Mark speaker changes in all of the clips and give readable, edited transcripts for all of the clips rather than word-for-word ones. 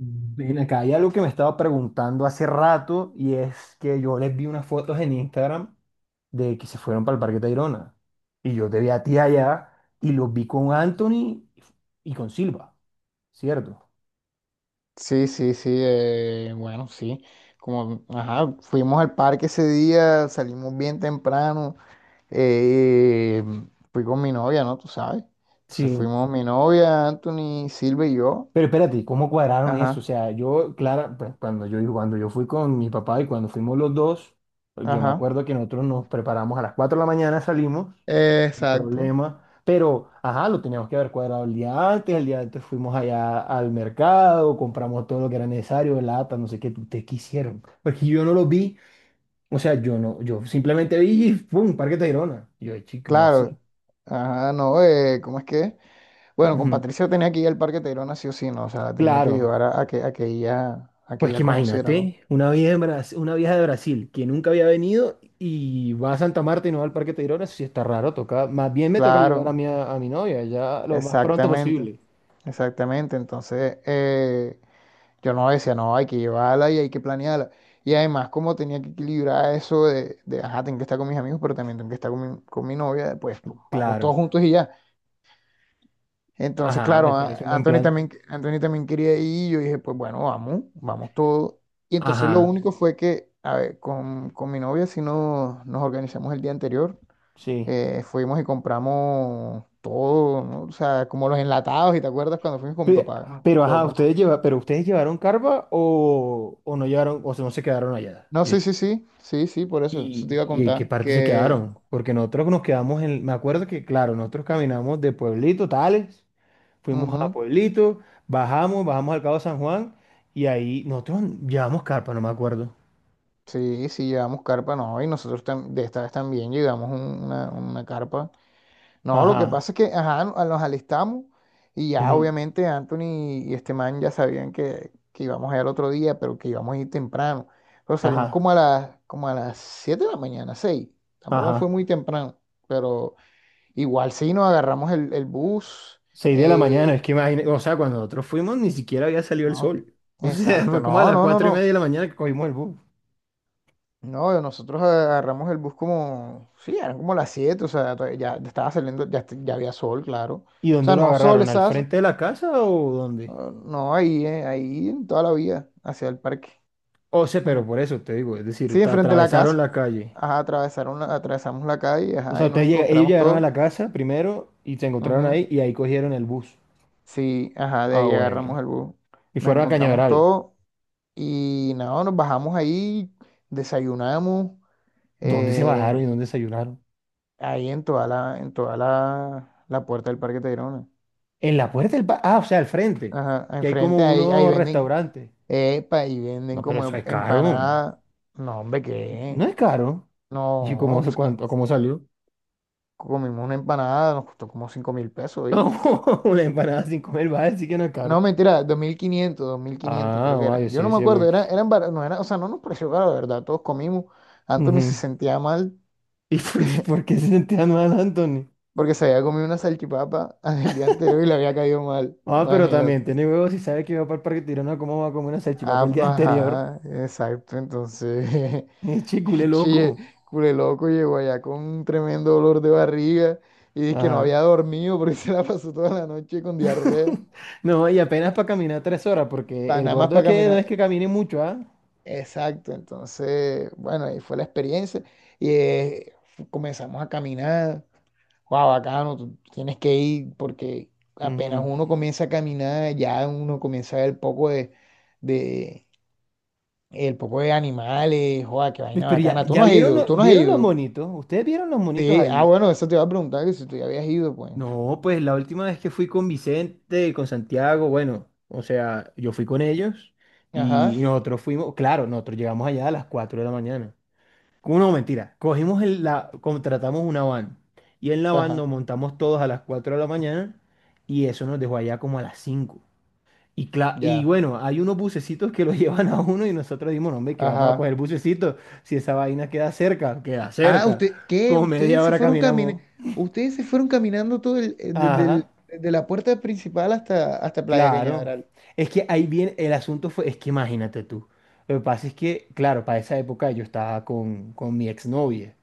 Speaker 1: Ven acá, hay algo que me estaba preguntando hace rato y es que yo les vi unas fotos en Instagram de que se fueron para el Parque Tayrona y yo te vi a ti allá y los vi con Anthony y con Silva, ¿cierto?
Speaker 2: Sí, sí, sí, bueno, sí. Como, ajá, fuimos al parque ese día, salimos bien temprano. eh, Fui con mi novia, ¿no? Tú sabes. Entonces
Speaker 1: Sí,
Speaker 2: fuimos mi novia, Anthony, Silvia y yo.
Speaker 1: pero espérate, ¿cómo cuadraron eso? O
Speaker 2: Ajá,
Speaker 1: sea, yo, Clara, pues cuando yo fui con mi papá y cuando fuimos los dos, yo me
Speaker 2: ajá.
Speaker 1: acuerdo que nosotros nos preparamos a las 4 de la mañana, salimos. Un
Speaker 2: Exacto.
Speaker 1: problema. Pero, ajá, lo teníamos que haber cuadrado el día antes. El día antes fuimos allá al mercado, compramos todo lo que era necesario, lata, no sé qué. ¿Ustedes qué hicieron? Porque yo no lo vi. O sea, yo no, yo simplemente vi y ¡pum! Parque Tayrona. Y yo, chico, ¿cómo así?
Speaker 2: Claro. Ajá, no, ¿cómo es que? Bueno, con
Speaker 1: Ujú.
Speaker 2: Patricia tenía que ir al parque Tayrona sí o sí, ¿no? O sea, la tenía que llevar
Speaker 1: Claro.
Speaker 2: a que
Speaker 1: Pues que
Speaker 2: ella conociera, ¿no?
Speaker 1: imagínate, una vieja, una vieja de Brasil que nunca había venido y va a Santa Marta y no va al Parque Tayrona, eso sí está raro, toca, más bien me toca llevar a
Speaker 2: Claro.
Speaker 1: mi novia ya lo más pronto
Speaker 2: Exactamente,
Speaker 1: posible.
Speaker 2: exactamente. Entonces, yo no decía, no, hay que llevarla y hay que planearla. Y además, como tenía que equilibrar eso ajá, tengo que estar con mis amigos, pero también tengo que estar con mi novia, vamos todos
Speaker 1: Claro.
Speaker 2: juntos y ya. Entonces,
Speaker 1: Ajá, me
Speaker 2: claro,
Speaker 1: parece un buen
Speaker 2: Anthony
Speaker 1: plan.
Speaker 2: también, Anthony también quería ir y yo dije, pues bueno, vamos, vamos todos. Y entonces lo
Speaker 1: Ajá.
Speaker 2: único fue que, a ver, con mi novia sí nos organizamos el día anterior.
Speaker 1: Sí.
Speaker 2: Fuimos y compramos todo, ¿no? O sea, como los enlatados, ¿y te acuerdas cuando fuimos con mi
Speaker 1: Pe-
Speaker 2: papá?
Speaker 1: Pero,
Speaker 2: Que
Speaker 1: ajá,
Speaker 2: compramos enlatados.
Speaker 1: pero ustedes llevaron carpa o no llevaron, o sea, no se quedaron allá.
Speaker 2: No,
Speaker 1: Y-
Speaker 2: sí, sí, sí, sí, sí, por eso, eso te
Speaker 1: ¿Y,
Speaker 2: iba a
Speaker 1: y en qué
Speaker 2: contar,
Speaker 1: parte se
Speaker 2: que
Speaker 1: quedaron? Porque nosotros nos quedamos en, me acuerdo que, claro, nosotros caminamos de Pueblito, Tales, fuimos a
Speaker 2: ujú,
Speaker 1: Pueblito, bajamos al Cabo San Juan y ahí nosotros llevamos carpa, no me acuerdo.
Speaker 2: sí, sí, llevamos carpa. No, y nosotros de esta vez también llevamos una carpa. No, lo que
Speaker 1: Ajá,
Speaker 2: pasa es que, ajá, nos alistamos, y ya
Speaker 1: ujú,
Speaker 2: obviamente Anthony y este man ya sabían que íbamos a ir al otro día, pero que íbamos a ir temprano. Pero salimos
Speaker 1: ajá,
Speaker 2: como a las 7 de la mañana, 6. Tampoco fue
Speaker 1: ajá.
Speaker 2: muy temprano, pero igual sí nos agarramos el bus.
Speaker 1: Seis de la mañana,
Speaker 2: eh,
Speaker 1: es que imagínate, o sea, cuando nosotros fuimos ni siquiera había salido el
Speaker 2: no,
Speaker 1: sol. O sea,
Speaker 2: exacto,
Speaker 1: fue como a
Speaker 2: no,
Speaker 1: las
Speaker 2: no, no,
Speaker 1: cuatro y
Speaker 2: no.
Speaker 1: media de la mañana que cogimos el bus.
Speaker 2: No, nosotros agarramos el bus como, sí, eran como las 7, o sea, ya estaba saliendo, ya, ya había sol, claro.
Speaker 1: ¿Y
Speaker 2: O
Speaker 1: dónde
Speaker 2: sea,
Speaker 1: lo
Speaker 2: no sol
Speaker 1: agarraron? ¿Al
Speaker 2: esa.
Speaker 1: frente de la casa o dónde?
Speaker 2: Ah, no, ahí en toda la vía, hacia el parque.
Speaker 1: O sea,
Speaker 2: Ujú.
Speaker 1: pero por eso te digo, es decir,
Speaker 2: Sí,
Speaker 1: te
Speaker 2: enfrente de la
Speaker 1: atravesaron
Speaker 2: casa.
Speaker 1: la calle.
Speaker 2: Ajá, atravesamos la calle,
Speaker 1: O
Speaker 2: ajá,
Speaker 1: sea,
Speaker 2: y nos
Speaker 1: ellos
Speaker 2: encontramos
Speaker 1: llegaron a la
Speaker 2: todo.
Speaker 1: casa primero y se encontraron
Speaker 2: Ujú.
Speaker 1: ahí y ahí cogieron el bus.
Speaker 2: Sí, ajá, de
Speaker 1: Ah,
Speaker 2: ahí agarramos
Speaker 1: bueno.
Speaker 2: el bus.
Speaker 1: Y
Speaker 2: Nos
Speaker 1: fueron a
Speaker 2: encontramos
Speaker 1: Cañaveral.
Speaker 2: todo y nada, nos bajamos ahí, desayunamos,
Speaker 1: ¿Dónde se
Speaker 2: eh,
Speaker 1: bajaron y dónde desayunaron?
Speaker 2: ahí la puerta del Parque Tayrona.
Speaker 1: En la puerta del bar. Ah, o sea, al frente.
Speaker 2: Ajá,
Speaker 1: Que hay
Speaker 2: enfrente
Speaker 1: como
Speaker 2: ahí, ahí
Speaker 1: unos
Speaker 2: venden,
Speaker 1: restaurantes.
Speaker 2: epa, ahí venden
Speaker 1: No, pero eso
Speaker 2: como
Speaker 1: es caro.
Speaker 2: empanada. No, hombre,
Speaker 1: No
Speaker 2: ¿qué?
Speaker 1: es caro. ¿Y cómo,
Speaker 2: No,
Speaker 1: cuánto, cómo salió?
Speaker 2: comimos una empanada, nos costó como 5.000 pesos, ¿y?
Speaker 1: Una empanada sin comer, vale, sí que no es
Speaker 2: No,
Speaker 1: caro.
Speaker 2: mentira, dos mil quinientos
Speaker 1: Ah,
Speaker 2: creo que era.
Speaker 1: vaya,
Speaker 2: Yo no
Speaker 1: sí,
Speaker 2: me
Speaker 1: sí,
Speaker 2: acuerdo,
Speaker 1: porque...
Speaker 2: era, eran no era, o sea, no nos pareció caro, la verdad, todos comimos. Anthony se
Speaker 1: Ujú.
Speaker 2: sentía mal
Speaker 1: ¿Y por qué se sentía mal, Anthony?
Speaker 2: porque se había comido una salchipapa el día anterior y le había caído mal,
Speaker 1: Ah, pero también
Speaker 2: imagínate.
Speaker 1: tiene huevos y sabe que va para el Parque Tirano cómo va a comer una salchipapa el
Speaker 2: Ah,
Speaker 1: día anterior.
Speaker 2: ajá, exacto, entonces,
Speaker 1: Es chicule
Speaker 2: chile
Speaker 1: loco.
Speaker 2: cule loco llegó allá con un tremendo dolor de barriga y dice que no había
Speaker 1: Ajá.
Speaker 2: dormido porque se la pasó toda la noche con diarrea.
Speaker 1: No, y apenas para caminar 3 horas, porque el
Speaker 2: Nada más
Speaker 1: gordo es
Speaker 2: para
Speaker 1: que no
Speaker 2: caminar.
Speaker 1: es que camine mucho, ¿ah?
Speaker 2: Exacto, entonces, bueno, ahí fue la experiencia y comenzamos a caminar. Wow, bacano, tú tienes que ir porque apenas
Speaker 1: Ujú.
Speaker 2: uno comienza a caminar, ya uno comienza a ver de el poco de animales, joda, qué vaina
Speaker 1: Pero ya,
Speaker 2: bacana. ¿No? Tú
Speaker 1: ya
Speaker 2: no has
Speaker 1: vieron,
Speaker 2: ido, tú no has
Speaker 1: vieron los
Speaker 2: ido.
Speaker 1: monitos. ¿Ustedes vieron los monitos
Speaker 2: Sí, ah,
Speaker 1: ahí?
Speaker 2: bueno, eso te iba a preguntar que si tú ya habías ido, pues.
Speaker 1: No, pues la última vez que fui con Vicente, con Santiago, bueno, o sea, yo fui con ellos
Speaker 2: Ajá,
Speaker 1: y nosotros fuimos, claro, nosotros llegamos allá a las 4 de la mañana. No, mentira. Cogimos contratamos una van. Y en la van nos
Speaker 2: ajá,
Speaker 1: montamos todos a las 4 de la mañana y eso nos dejó allá como a las 5. Y
Speaker 2: ya,
Speaker 1: bueno, hay unos bucecitos que lo llevan a uno y nosotros dimos, "No, hombre, que vamos a
Speaker 2: ajá.
Speaker 1: coger bucecito. Si esa vaina queda cerca, queda
Speaker 2: Ah,
Speaker 1: cerca."
Speaker 2: usted, ¿qué?
Speaker 1: Como
Speaker 2: Ustedes
Speaker 1: media
Speaker 2: se
Speaker 1: hora
Speaker 2: fueron
Speaker 1: caminamos.
Speaker 2: caminando, ustedes se fueron caminando desde
Speaker 1: Ajá.
Speaker 2: desde la puerta principal hasta Playa
Speaker 1: Claro,
Speaker 2: Cañaveral.
Speaker 1: es que ahí viene, el asunto fue, es que imagínate tú, lo que pasa es que, claro, para esa época yo estaba con mi exnovia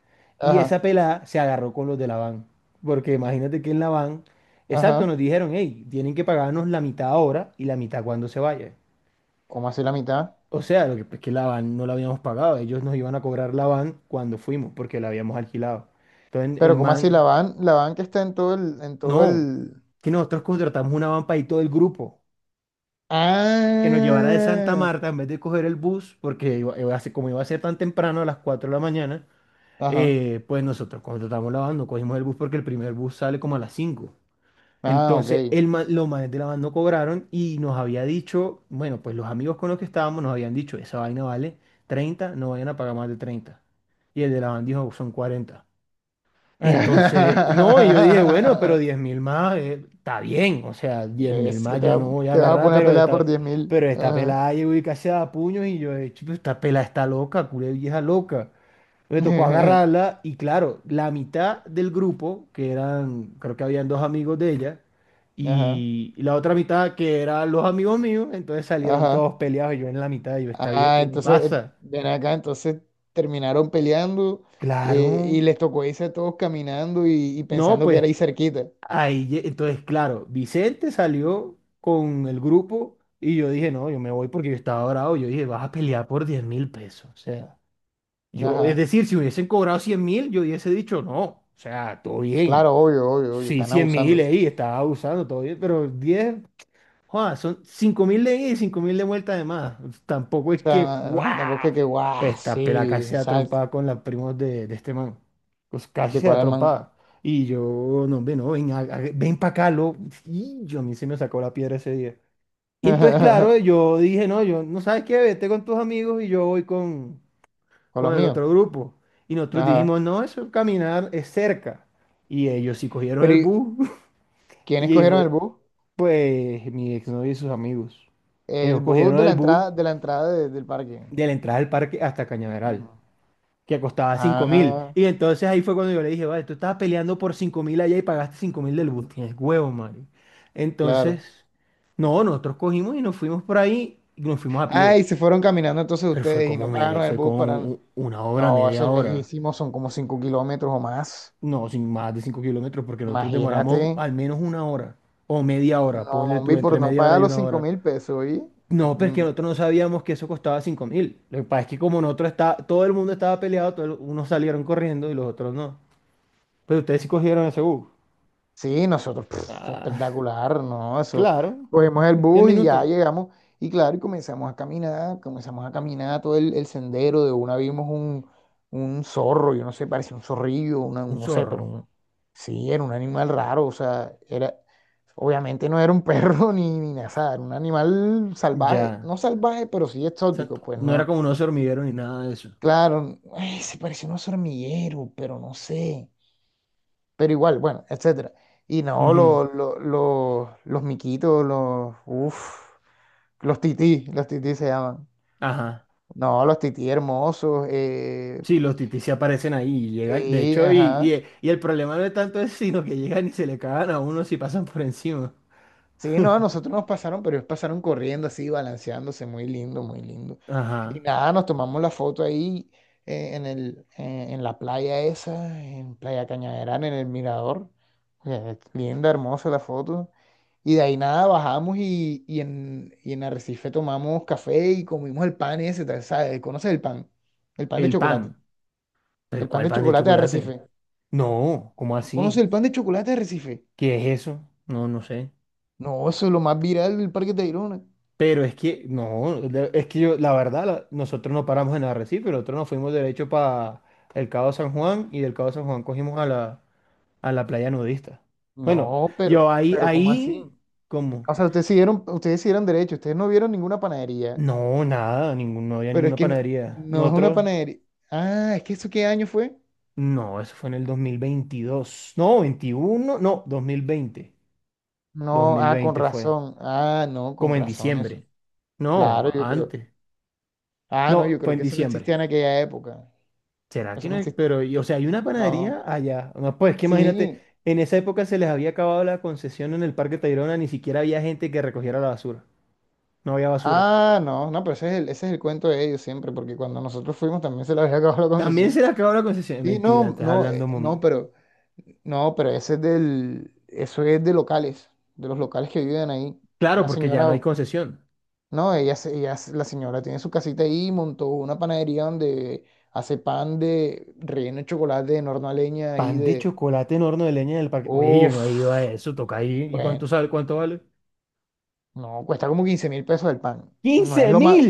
Speaker 1: y esa
Speaker 2: Ajá,
Speaker 1: pelada se agarró con los de la van, porque imagínate que en la van, exacto, nos
Speaker 2: ajá.
Speaker 1: dijeron, "Hey, tienen que pagarnos la mitad ahora y la mitad cuando se vaya."
Speaker 2: ¿Cómo así la mitad?
Speaker 1: O sea, lo que es que la van no la habíamos pagado, ellos nos iban a cobrar la van cuando fuimos, porque la habíamos alquilado. Entonces el
Speaker 2: Pero ¿cómo así la
Speaker 1: man,
Speaker 2: van, la van que está en todo el, en todo
Speaker 1: no,
Speaker 2: el.
Speaker 1: que nosotros contratamos una van para ir todo el grupo. Que nos llevara de Santa
Speaker 2: Ah,
Speaker 1: Marta en vez de coger el bus, porque como iba a ser tan temprano, a las 4 de la mañana,
Speaker 2: ajá.
Speaker 1: pues nosotros contratamos la van, no cogimos el bus porque el primer bus sale como a las 5.
Speaker 2: Ah, ok.
Speaker 1: Entonces, los manes de la van no cobraron y nos había dicho, bueno, pues los amigos con los que estábamos nos habían dicho, esa vaina vale 30, no vayan a pagar más de 30. Y el de la van dijo, son 40, entonces, no, y yo dije, bueno, pero 10.000 más está bien, o sea, 10.000
Speaker 2: Es que
Speaker 1: más yo no voy a
Speaker 2: te va a
Speaker 1: agarrar,
Speaker 2: poner a pelear por 10.000.
Speaker 1: pero esta
Speaker 2: Ajá.
Speaker 1: pelada llegó y casi a puños y yo, "Chuta, esta pelada está loca, culé vieja loca." Me tocó agarrarla y claro, la mitad del grupo, que eran, creo que habían dos amigos de ella,
Speaker 2: Ajá.
Speaker 1: y la otra mitad que eran los amigos míos, entonces salieron
Speaker 2: Ajá.
Speaker 1: todos peleados y yo en la mitad, y yo, esta vieja,
Speaker 2: Ah,
Speaker 1: ¿qué le
Speaker 2: entonces,
Speaker 1: pasa?
Speaker 2: ven acá, entonces terminaron peleando,
Speaker 1: Claro,
Speaker 2: y les tocó irse todos caminando y,
Speaker 1: no,
Speaker 2: pensando que
Speaker 1: pues.
Speaker 2: era ahí cerquita.
Speaker 1: Ahí, entonces, claro, Vicente salió con el grupo y yo dije, no, yo me voy porque yo estaba bravo. Yo dije, vas a pelear por 10.000 pesos. O sea, yo, es
Speaker 2: Ajá,
Speaker 1: decir, si hubiesen cobrado 100.000, yo hubiese dicho, no, o sea, todo bien.
Speaker 2: claro, obvio, obvio, obvio,
Speaker 1: Sí,
Speaker 2: están
Speaker 1: cien
Speaker 2: abusando.
Speaker 1: mil,
Speaker 2: O
Speaker 1: ahí, estaba abusando, todo bien, pero diez. Joa, son 5.000 de ida y 5.000 de vuelta además. Tampoco es
Speaker 2: sea,
Speaker 1: que,
Speaker 2: tampoco
Speaker 1: ¡guau!
Speaker 2: es que, guau,
Speaker 1: Pues esta pela
Speaker 2: sí,
Speaker 1: casi se da
Speaker 2: exacto.
Speaker 1: trompada con los primos de este man. Pues casi
Speaker 2: ¿De
Speaker 1: se da
Speaker 2: cuál man?
Speaker 1: trompada. Y yo, no, ven, no, ven, ven para acá, lo. Y yo a mí se me sacó la piedra ese día. Y entonces, claro, yo dije, no, yo, no sabes qué, vete con tus amigos y yo voy con,
Speaker 2: Con los
Speaker 1: con el
Speaker 2: míos.
Speaker 1: otro grupo. Y nosotros
Speaker 2: Ajá.
Speaker 1: dijimos, no, eso caminar es cerca. Y ellos sí cogieron
Speaker 2: Pero,
Speaker 1: el bus.
Speaker 2: ¿quiénes
Speaker 1: Y,
Speaker 2: cogieron el bus?
Speaker 1: pues mi exnovio y sus amigos.
Speaker 2: El
Speaker 1: Ellos
Speaker 2: bus
Speaker 1: cogieron
Speaker 2: de la
Speaker 1: el bus
Speaker 2: entrada, de la entrada de- del parque.
Speaker 1: de la entrada del parque hasta Cañaveral,
Speaker 2: Mm.
Speaker 1: que costaba 5.000.
Speaker 2: Ah,
Speaker 1: Y entonces ahí fue cuando yo le dije, vale, tú estabas peleando por 5.000 allá y pagaste 5.000 del bus. Tienes huevo, Mario.
Speaker 2: claro.
Speaker 1: Entonces, no, nosotros cogimos y nos fuimos por ahí y nos fuimos a
Speaker 2: Ah,
Speaker 1: pie.
Speaker 2: y se fueron caminando entonces
Speaker 1: Pero fue
Speaker 2: ustedes y
Speaker 1: como
Speaker 2: no
Speaker 1: media,
Speaker 2: pagaron el
Speaker 1: fue
Speaker 2: bus
Speaker 1: como
Speaker 2: para...
Speaker 1: una hora,
Speaker 2: No, eso
Speaker 1: media
Speaker 2: es
Speaker 1: hora.
Speaker 2: lejísimo, son como 5 kilómetros o más.
Speaker 1: No, sin más de 5 kilómetros, porque nosotros demoramos
Speaker 2: Imagínate.
Speaker 1: al menos una hora o media hora.
Speaker 2: No,
Speaker 1: Ponle tú
Speaker 2: hombre, y por
Speaker 1: entre
Speaker 2: no
Speaker 1: media hora
Speaker 2: pagar
Speaker 1: y
Speaker 2: los
Speaker 1: una
Speaker 2: cinco
Speaker 1: hora.
Speaker 2: mil pesos, ¿y?
Speaker 1: No, pero es que nosotros no sabíamos que eso costaba 5.000. Lo que pasa es que como nosotros está, todo el mundo estaba peleado, unos salieron corriendo y los otros no. Pero ustedes sí cogieron ese bus.
Speaker 2: Sí, nosotros, pf,
Speaker 1: Ah,
Speaker 2: espectacular, ¿no? Eso,
Speaker 1: claro.
Speaker 2: cogemos el
Speaker 1: diez
Speaker 2: bus y ya
Speaker 1: minutos.
Speaker 2: llegamos. Y claro, y comenzamos a caminar todo el sendero. De una vimos un zorro, yo no sé, parecía un zorrillo, una,
Speaker 1: Un
Speaker 2: no sé, pero
Speaker 1: zorro.
Speaker 2: sí, era un animal raro, o sea, era, obviamente no era un perro ni nada, era un animal salvaje,
Speaker 1: Ya.
Speaker 2: no salvaje, pero sí exótico,
Speaker 1: Exacto.
Speaker 2: pues
Speaker 1: No era
Speaker 2: no.
Speaker 1: como unos hormigueros ni nada de eso.
Speaker 2: Claro, ay, se parecía a un hormiguero, pero no sé, pero igual, bueno, etcétera. Y no,
Speaker 1: Ujú.
Speaker 2: los miquitos, uf, los tití se llaman.
Speaker 1: Ajá.
Speaker 2: No, los tití hermosos,
Speaker 1: Sí, los titis se aparecen ahí y llegan. De
Speaker 2: sí,
Speaker 1: hecho, y,
Speaker 2: ajá.
Speaker 1: y, y el problema no es tanto eso, sino que llegan y se le cagan a uno si pasan por encima.
Speaker 2: Sí, no, a nosotros nos pasaron, pero ellos pasaron corriendo así, balanceándose, muy lindo, muy lindo. Y
Speaker 1: Ajá.
Speaker 2: nada, nos tomamos la foto ahí, en la playa esa, en Playa Cañaveral, en el mirador. Linda, hermosa la foto. Y de ahí nada, bajamos y en Arrecife tomamos café y comimos el pan ese, tal, ¿sabes? ¿Conoces el pan? El pan de
Speaker 1: El
Speaker 2: chocolate.
Speaker 1: pan. ¿Pero
Speaker 2: El pan
Speaker 1: cuál
Speaker 2: de
Speaker 1: pan de
Speaker 2: chocolate de
Speaker 1: chocolate?
Speaker 2: Arrecife.
Speaker 1: No, ¿cómo
Speaker 2: ¿No conoces
Speaker 1: así?
Speaker 2: el pan de chocolate de Arrecife?
Speaker 1: ¿Qué es eso? No, no sé.
Speaker 2: No, eso es lo más viral del Parque Tayrona.
Speaker 1: Pero es que, no, es que yo, la verdad, nosotros no paramos en Arrecife, nosotros nos fuimos derecho para el Cabo San Juan y del Cabo San Juan cogimos a la, playa nudista. Bueno,
Speaker 2: No,
Speaker 1: yo
Speaker 2: pero, pero ¿cómo así?
Speaker 1: ahí, ¿cómo?
Speaker 2: O sea, ustedes siguieron derecho, ustedes no vieron ninguna panadería,
Speaker 1: No, nada, ningún, no había
Speaker 2: pero es
Speaker 1: ninguna
Speaker 2: que no,
Speaker 1: panadería.
Speaker 2: no es una
Speaker 1: Nosotros,
Speaker 2: panadería. Ah, ¿es que eso qué año fue?
Speaker 1: no, eso fue en el 2022. No, 21, no, 2020. dos
Speaker 2: No,
Speaker 1: mil
Speaker 2: ah, con
Speaker 1: veinte fue,
Speaker 2: razón. Ah, no, con
Speaker 1: como en
Speaker 2: razón eso.
Speaker 1: diciembre.
Speaker 2: Claro,
Speaker 1: No,
Speaker 2: yo creo.
Speaker 1: antes.
Speaker 2: Ah, no,
Speaker 1: No,
Speaker 2: yo
Speaker 1: fue
Speaker 2: creo
Speaker 1: en
Speaker 2: que eso no
Speaker 1: diciembre.
Speaker 2: existía en aquella época.
Speaker 1: ¿Será que
Speaker 2: Eso
Speaker 1: no
Speaker 2: no
Speaker 1: hay?
Speaker 2: existía.
Speaker 1: Pero, y- o sea, hay una
Speaker 2: No.
Speaker 1: panadería allá. No, pues es que imagínate,
Speaker 2: Sí.
Speaker 1: en esa época se les había acabado la concesión en el Parque Tayrona, ni siquiera había gente que recogiera la basura. No había basura.
Speaker 2: Ah, no, no, pero ese es el, cuento de ellos siempre, porque cuando nosotros fuimos también se les había acabado la
Speaker 1: También
Speaker 2: concesión.
Speaker 1: se les acabó la concesión.
Speaker 2: Sí,
Speaker 1: Mentira,
Speaker 2: no,
Speaker 1: estás
Speaker 2: no,
Speaker 1: hablando.
Speaker 2: no,
Speaker 1: Mon-.
Speaker 2: pero no, pero ese es del, eso es de los locales que viven ahí.
Speaker 1: Claro,
Speaker 2: Una
Speaker 1: porque ya no hay
Speaker 2: señora,
Speaker 1: concesión.
Speaker 2: no, la señora tiene su casita ahí, montó una panadería donde hace pan de relleno de chocolate de horno a leña ahí
Speaker 1: Pan de
Speaker 2: de...
Speaker 1: chocolate en horno de leña en el parque. Oye, yo no
Speaker 2: uff,
Speaker 1: he ido a eso, toca ahí. ¿Y cuánto
Speaker 2: bueno,
Speaker 1: sale? ¿Cuánto vale?
Speaker 2: no, cuesta como 15.000 pesos el pan. No es
Speaker 1: Quince
Speaker 2: lo más,
Speaker 1: mil!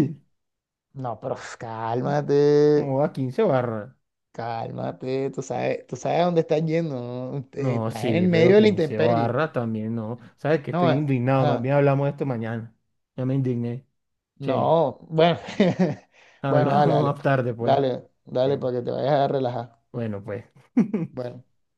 Speaker 2: no, pero uf, cálmate,
Speaker 1: ¿Cómo va 15 barras?
Speaker 2: cálmate, tú sabes a dónde estás yendo, ¿no?
Speaker 1: No,
Speaker 2: Estás en el
Speaker 1: sí, pero
Speaker 2: medio de la
Speaker 1: 15
Speaker 2: intemperie.
Speaker 1: barras también no. ¿Sabes que
Speaker 2: No,
Speaker 1: estoy indignado? Más
Speaker 2: ajá.
Speaker 1: bien hablamos de esto mañana. Ya me indigné. Che.
Speaker 2: No, bueno, bueno, dale,
Speaker 1: Hablamos
Speaker 2: dale,
Speaker 1: más tarde, pues.
Speaker 2: dale, dale
Speaker 1: Eh,
Speaker 2: para que te vayas a relajar.
Speaker 1: Bueno, pues.
Speaker 2: Bueno.